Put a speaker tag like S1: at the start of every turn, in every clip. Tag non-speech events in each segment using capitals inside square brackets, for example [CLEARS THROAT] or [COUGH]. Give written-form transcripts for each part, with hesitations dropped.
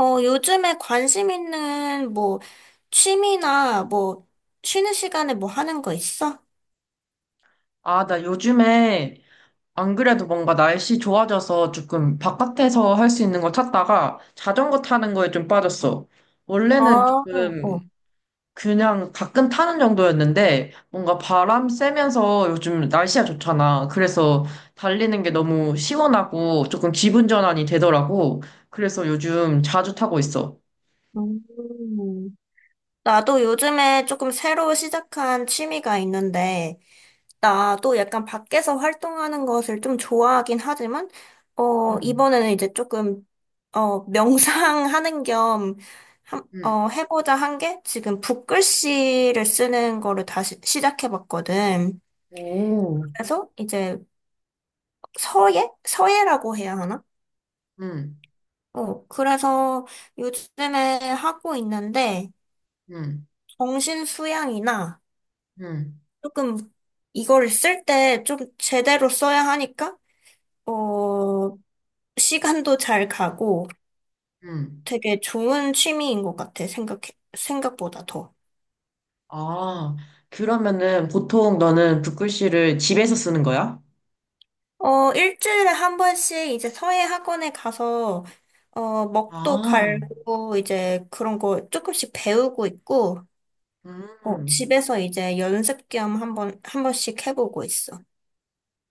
S1: 요즘에 관심 있는 뭐 취미나 뭐 쉬는 시간에 뭐 하는 거 있어?
S2: 아, 나 요즘에 안 그래도 뭔가 날씨 좋아져서 조금 바깥에서 할 수 있는 거 찾다가 자전거 타는 거에 좀 빠졌어.
S1: 아,
S2: 원래는 조금
S1: 어.
S2: 그냥 가끔 타는 정도였는데 뭔가 바람 쐬면서 요즘 날씨가 좋잖아. 그래서 달리는 게 너무 시원하고 조금 기분 전환이 되더라고. 그래서 요즘 자주 타고 있어.
S1: 음. 나도 요즘에 조금 새로 시작한 취미가 있는데, 나도 약간 밖에서 활동하는 것을 좀 좋아하긴 하지만,
S2: 응,
S1: 이번에는 이제 조금, [LAUGHS] 명상하는 겸,
S2: 응,
S1: 해보자 한 게 지금 붓글씨를 쓰는 거를 다시 시작해봤거든.
S2: 오,
S1: 그래서 이제 서예? 서예라고 해야 하나?
S2: 응,
S1: 어, 그래서 요즘에 하고 있는데,
S2: 응,
S1: 정신 수양이나
S2: 응,
S1: 조금 이걸 쓸 때 좀 제대로 써야 하니까, 어, 시간도 잘 가고
S2: 응.
S1: 되게 좋은 취미인 것 같아, 생각보다 더.
S2: 아, 그러면은 보통 너는 붓글씨를 집에서 쓰는 거야?
S1: 어, 일주일에 한 번씩 이제 서예 학원에 가서, 어, 먹도
S2: 아,
S1: 갈고 이제 그런 거 조금씩 배우고 있고, 어,
S2: 음.
S1: 집에서 이제 연습 겸 한 번씩 해보고 있어.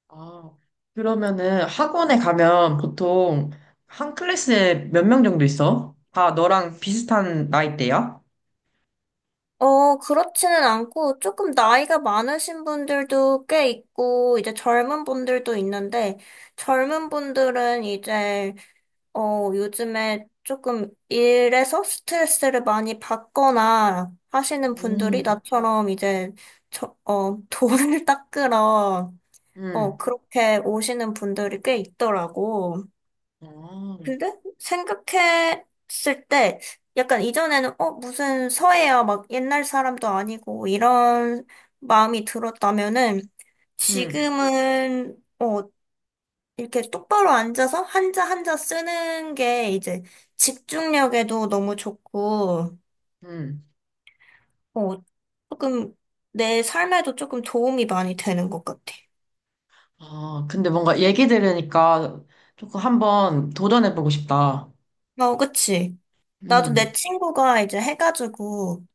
S2: 아, 그러면은 학원에 가면 보통 한 클래스에 몇 명 정도 있어? 다 너랑 비슷한 나이대야?
S1: 어, 그렇지는 않고 조금 나이가 많으신 분들도 꽤 있고, 이제 젊은 분들도 있는데, 젊은 분들은 이제, 요즘에 조금 일에서 스트레스를 많이 받거나 하시는 분들이
S2: 음,
S1: 나처럼 이제, 저, [LAUGHS] 돈을 닦으러, 어,
S2: 음,
S1: 그렇게 오시는 분들이 꽤 있더라고.
S2: 아,
S1: 근데 생각했을 때 약간 이전에는 무슨 서예야 막 옛날 사람도 아니고 이런 마음이 들었다면은
S2: 음,
S1: 지금은 어 이렇게 똑바로 앉아서 한자 한자 쓰는 게 이제 집중력에도 너무 좋고
S2: 음.
S1: 어 조금 내 삶에도 조금 도움이 많이 되는 것 같아.
S2: 아, 근데 뭔가 얘기 들으니까 조금 한번 도전해보고 싶다.
S1: 어 그치? 나도 내
S2: 음,
S1: 친구가 이제 해가지고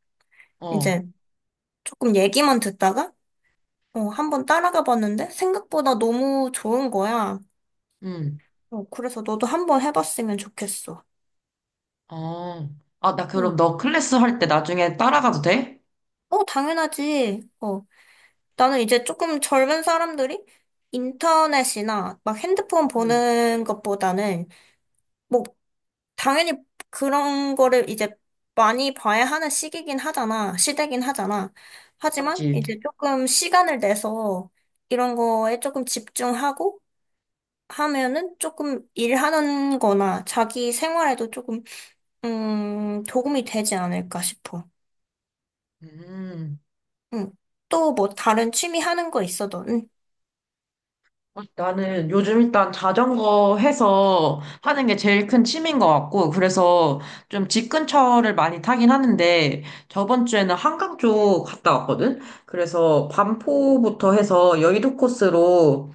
S2: 어,
S1: 이제 조금 얘기만 듣다가 어, 한번 따라가 봤는데 생각보다 너무 좋은 거야.
S2: 음,
S1: 어, 그래서 너도 한 번 해봤으면 좋겠어.
S2: 어. 아, 나
S1: 응.
S2: 그럼 너 클래스 할 때 나중에 따라가도 돼?
S1: 어, 당연하지. 어, 나는 이제 조금 젊은 사람들이 인터넷이나 막 핸드폰
S2: 음,
S1: 보는 것보다는 뭐 당연히 그런 거를 이제 많이 봐야 하는 시기긴 하잖아. 시대긴 하잖아. 하지만
S2: 맞지.
S1: 이제 조금 시간을 내서 이런 거에 조금 집중하고 하면은 조금 일하는 거나 자기 생활에도 조금, 도움이 되지 않을까 싶어.
S2: 음,
S1: 응. 또 뭐 다른 취미 하는 거 있어도, 응.
S2: 어, 나는 요즘 일단 자전거 해서 하는 게 제일 큰 취미인 것 같고, 그래서 좀 집 근처를 많이 타긴 하는데, 저번 주에는 한강 쪽 갔다 왔거든? 그래서 반포부터 해서 여의도 코스로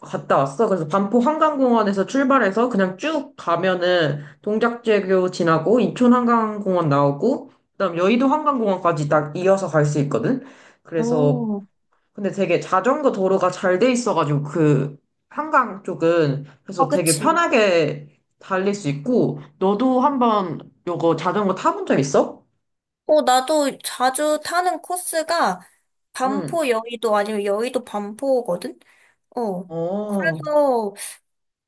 S2: 갔다 왔어. 그래서 반포 한강공원에서 출발해서 그냥 쭉 가면은 동작대교 지나고 인천 한강공원 나오고, 그다음 여의도 한강공원까지 딱 이어서 갈 수 있거든? 그래서
S1: 어,
S2: 근데 되게 자전거 도로가 잘 돼 있어가지고 그 한강 쪽은
S1: 아,
S2: 그래서 되게
S1: 그치.
S2: 편하게 달릴 수 있고 너도 한번 요거 자전거 타본 적 있어?
S1: 어, 나도 자주 타는 코스가
S2: 응.
S1: 반포 여의도 아니면 여의도 반포거든? 어.
S2: 어,
S1: 그래서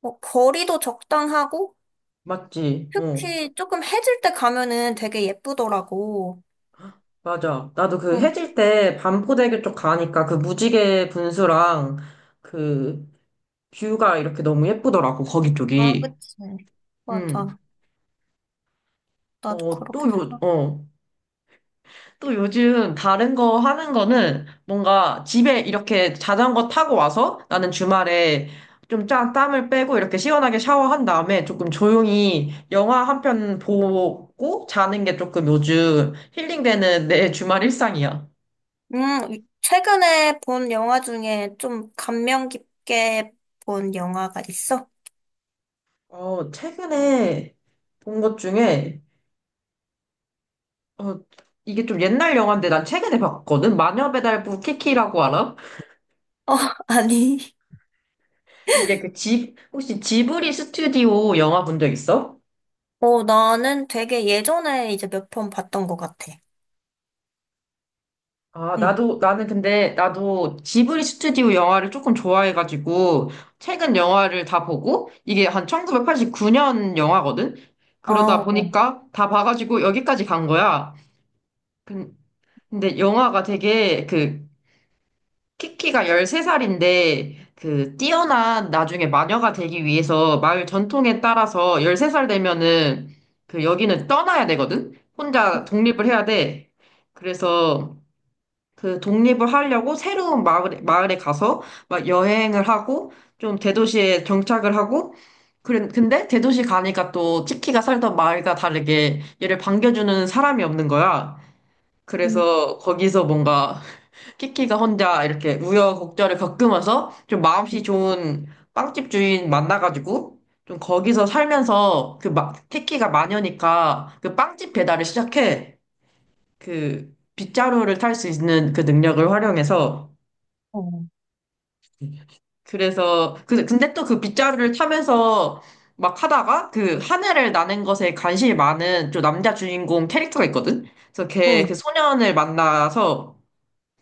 S1: 뭐 거리도 적당하고
S2: 맞지. 어,
S1: 특히 조금 해질 때 가면은 되게 예쁘더라고.
S2: 맞아. 나도 그
S1: 응.
S2: 해질 때 반포대교 쪽 가니까 그 무지개 분수랑 그 뷰가 이렇게 너무 예쁘더라고 거기
S1: 아,
S2: 쪽이.
S1: 그치.
S2: 응.
S1: 맞아. 나도
S2: 어, 또
S1: 그렇게
S2: 요,
S1: 생각해.
S2: 어. 또 요즘 다른 거 하는 거는 뭔가 집에 이렇게 자전거 타고 와서 나는 주말에 좀 짠, 땀을 빼고 이렇게 시원하게 샤워한 다음에 조금 조용히 영화 한 편 보고 자는 게 조금 요즘 힐링되는 내 주말 일상이야.
S1: 음, 최근에 본 영화 중에 좀 감명 깊게 본 영화가 있어?
S2: 어, 최근에 본 것 중에 어, 이게 좀 옛날 영화인데 난 최근에 봤거든. 마녀배달부 키키라고 알아?
S1: 어, [LAUGHS] 아니.
S2: 이게 그 지 혹시 지브리 스튜디오 영화 본 적 있어?
S1: 어, 나는 되게 예전에 이제 몇 편 봤던 것 같아.
S2: 아,
S1: 응.
S2: 나도, 나는 근데, 나도 지브리 스튜디오 영화를 조금 좋아해가지고, 최근 영화를 다 보고, 이게 한 1989년 영화거든?
S1: 어,
S2: 그러다
S1: 어.
S2: 보니까 다 봐가지고 여기까지 간 거야. 근- 근데 영화가 되게, 그, 키키가 13살인데, 그, 뛰어난 나중에 마녀가 되기 위해서 마을 전통에 따라서 13살 되면은, 그, 여기는 떠나야 되거든? 혼자 독립을 해야 돼. 그래서, 그 독립을 하려고 새로운 마을에, 가서 막 여행을 하고 좀 대도시에 정착을 하고 그래, 근데 대도시 가니까 또 치키가 살던 마을과 다르게 얘를 반겨주는 사람이 없는 거야. 그래서 거기서 뭔가 [LAUGHS] 키키가 혼자 이렇게 우여곡절을 겪으면서 좀 마음씨 좋은 빵집 주인 만나가지고 좀 거기서 살면서 그 마, 키키가 마녀니까 그 빵집 배달을 시작해. 그 빗자루를 탈 수 있는 그 능력을 활용해서
S1: 응. 어.
S2: 그래서 그 근데 또 그 빗자루를 타면서 막 하다가 그 하늘을 나는 것에 관심이 많은 좀 남자 주인공 캐릭터가 있거든. 그래서 걔
S1: 응.
S2: 그 소년을 만나서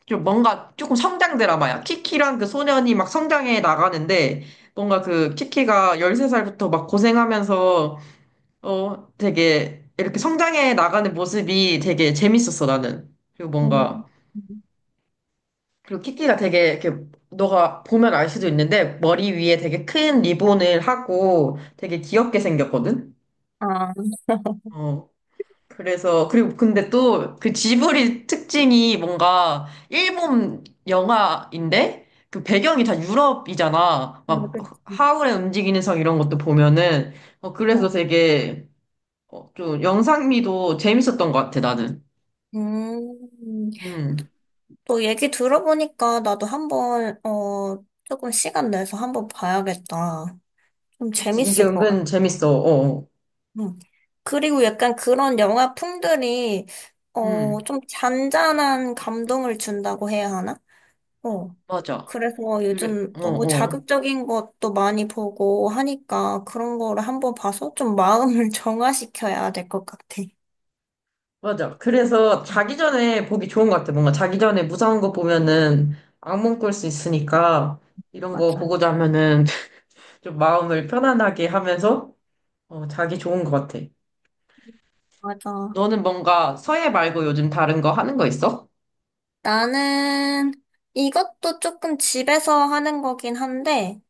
S2: 좀 뭔가 조금 성장 드라마야. 키키랑 그 소년이 막 성장해 나가는데 뭔가 그 키키가 13살부터 막 고생하면서 어 되게 이렇게 성장해 나가는 모습이 되게 재밌었어 나는. 그리고
S1: 음.
S2: 뭔가 그리고 키키가 되게 이렇게 너가 보면 알 수도 있는데 머리 위에 되게 큰 리본을 하고 되게 귀엽게 생겼거든?
S1: 아,
S2: 어. 그래서 그리고 근데 또 그 지브리 특징이 뭔가 일본 영화인데 그 배경이 다 유럽이잖아. 막
S1: 그치.
S2: 하울의 움직이는 성 이런 것도 보면은 어 그래서
S1: 어.
S2: 되게 어, 좀 영상미도 재밌었던 것 같아 나는.
S1: 음,
S2: 음.
S1: 또 얘기 들어보니까 나도 조금 시간 내서 한번 봐야겠다. 좀
S2: 그치 이게
S1: 재밌을 것 같아.
S2: 은근 재밌어. 어. 어.
S1: 음. 그리고 약간 그런 영화 풍들이
S2: 음.
S1: 좀 잔잔한 감동을 준다고 해야 하나? 어.
S2: 맞아.
S1: 그래서
S2: 그래.
S1: 요즘
S2: 어,
S1: 너무
S2: 어.
S1: 자극적인 것도 많이 보고 하니까 그런 거를 한번 봐서 좀 마음을 [LAUGHS] 정화시켜야 될 것 같아.
S2: 맞아. 그래서 자기 전에 보기 좋은 것 같아. 뭔가 자기 전에 무서운 거 보면은 악몽 꿀 수 있으니까 이런 거
S1: 맞아.
S2: 보고자 하면은 [LAUGHS] 좀 마음을 편안하게 하면서 어, 자기 좋은 것 같아.
S1: 맞아.
S2: 너는 뭔가 서예 말고 요즘 다른 거 하는 거 있어?
S1: 나는 이것도 조금 집에서 하는 거긴 한데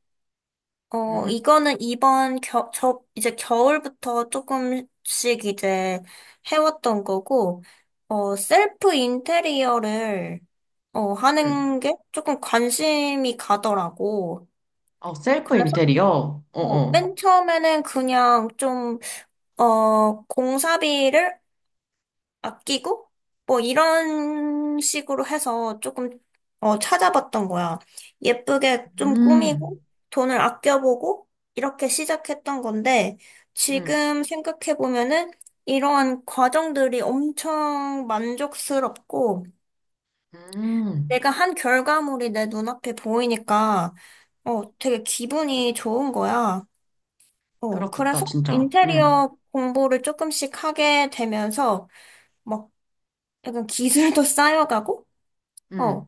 S1: 어,
S2: 음,
S1: 이거는 이제 겨울부터 조금씩 이제 해왔던 거고, 어, 셀프 인테리어를, 어,
S2: 음.
S1: 하는 게 조금 관심이 가더라고.
S2: 어, 셀프
S1: 그래서,
S2: 인테리어? 어,
S1: 어,
S2: 어.
S1: 맨 처음에는 그냥 좀, 어, 공사비를 아끼고 뭐 이런 식으로 해서 조금 어, 찾아봤던 거야. 예쁘게 좀
S2: 음,
S1: 꾸미고 돈을 아껴보고 이렇게 시작했던 건데
S2: 음,
S1: 지금 생각해보면은 이러한 과정들이 엄청 만족스럽고
S2: 음.
S1: 내가 한 결과물이 내 눈앞에 보이니까 어, 되게 기분이 좋은 거야. 어,
S2: 그렇겠다,
S1: 그래서
S2: 진짜.
S1: 인테리어 공부를 조금씩 하게 되면서 막 약간 기술도 [LAUGHS] 쌓여가고
S2: 음.
S1: 어,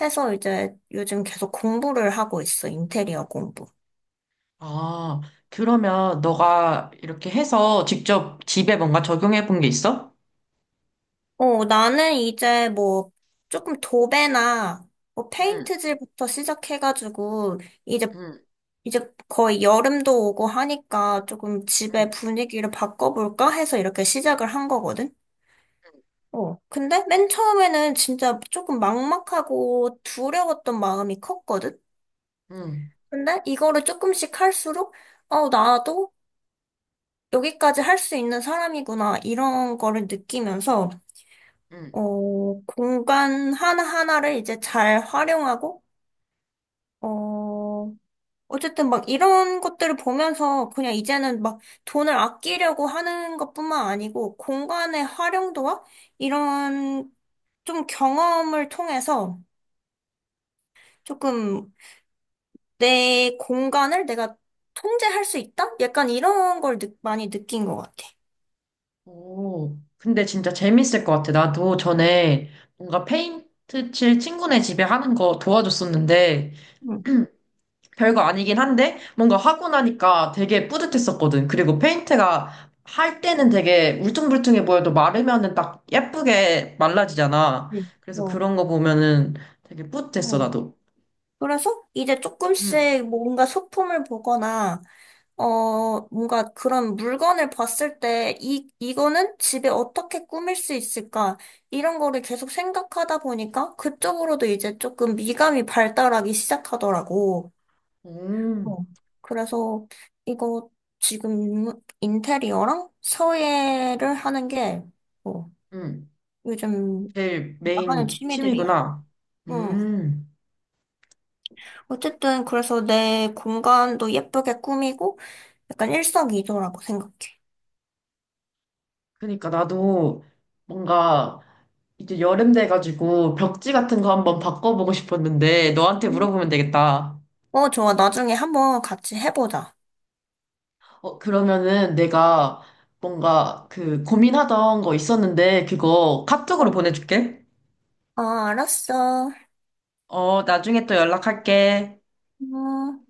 S1: 해서 이제 요즘 계속 공부를 하고 있어, 인테리어 공부.
S2: 아, 그러면 너가 이렇게 해서 직접 집에 뭔가 적용해 본 게 있어?
S1: 어, 나는 이제 뭐 조금 도배나 뭐 페인트질부터 시작해가지고 이제
S2: 응,
S1: 이제 거의 여름도 오고 하니까 조금 집의
S2: 응,
S1: 분위기를 바꿔볼까 해서 이렇게 시작을 한 거거든. 어, 근데 맨 처음에는 진짜 조금 막막하고 두려웠던 마음이 컸거든.
S2: 응, 응.
S1: 근데 이거를 조금씩 할수록 어, 나도 여기까지 할 수 있는 사람이구나, 이런 거를 느끼면서,
S2: 응.
S1: 어, 공간 하나하나를 이제 잘 활용하고, 어, 어쨌든 막 이런 것들을 보면서 그냥 이제는 막 돈을 아끼려고 하는 것뿐만 아니고, 공간의 활용도와 이런 좀 경험을 통해서 조금 내 공간을 내가 통제할 수 있다? 약간 이런 걸 많이 느낀 것 같아.
S2: 오, 근데 진짜 재밌을 것 같아. 나도 전에 뭔가 페인트 칠 친구네 집에 하는 거 도와줬었는데,
S1: 응.
S2: [CLEARS THROAT] 별거 아니긴 한데, 뭔가 하고 나니까 되게 뿌듯했었거든. 그리고 페인트가 할 때는 되게 울퉁불퉁해 보여도 마르면은 딱 예쁘게 말라지잖아.
S1: 네.
S2: 그래서
S1: 어.
S2: 그런 거 보면은 되게 뿌듯했어,
S1: 어.
S2: 나도.
S1: 그래서 이제
S2: 응,
S1: 조금씩 뭔가 소품을 보거나, 어, 뭔가 그런 물건을 봤을 때, 이거는 집에 어떻게 꾸밀 수 있을까? 이런 거를 계속 생각하다 보니까 그쪽으로도 이제 조금 미감이 발달하기 시작하더라고.
S2: 오,
S1: 어. 그래서 이거 지금 인테리어랑 서예를 하는 게, 어,
S2: 응.
S1: 요즘
S2: 제일
S1: 나가는
S2: 메인
S1: 취미들이야.
S2: 취미구나.
S1: 응.
S2: 음.
S1: 어쨌든 그래서 내 공간도 예쁘게 꾸미고 약간 일석이조라고 생각해.
S2: 그러니까 나도 뭔가 이제 여름 돼가지고 벽지 같은 거 한번 바꿔보고 싶었는데 너한테
S1: 음.
S2: 물어보면 되겠다.
S1: 어, 좋아. 나중에 한번 같이 해보자.
S2: 어, 그러면은 내가 뭔가 그 고민하던 거 있었는데 그거 카톡으로
S1: 어,
S2: 보내줄게.
S1: 아, 알았어.
S2: 어, 나중에 또 연락할게.
S1: 음.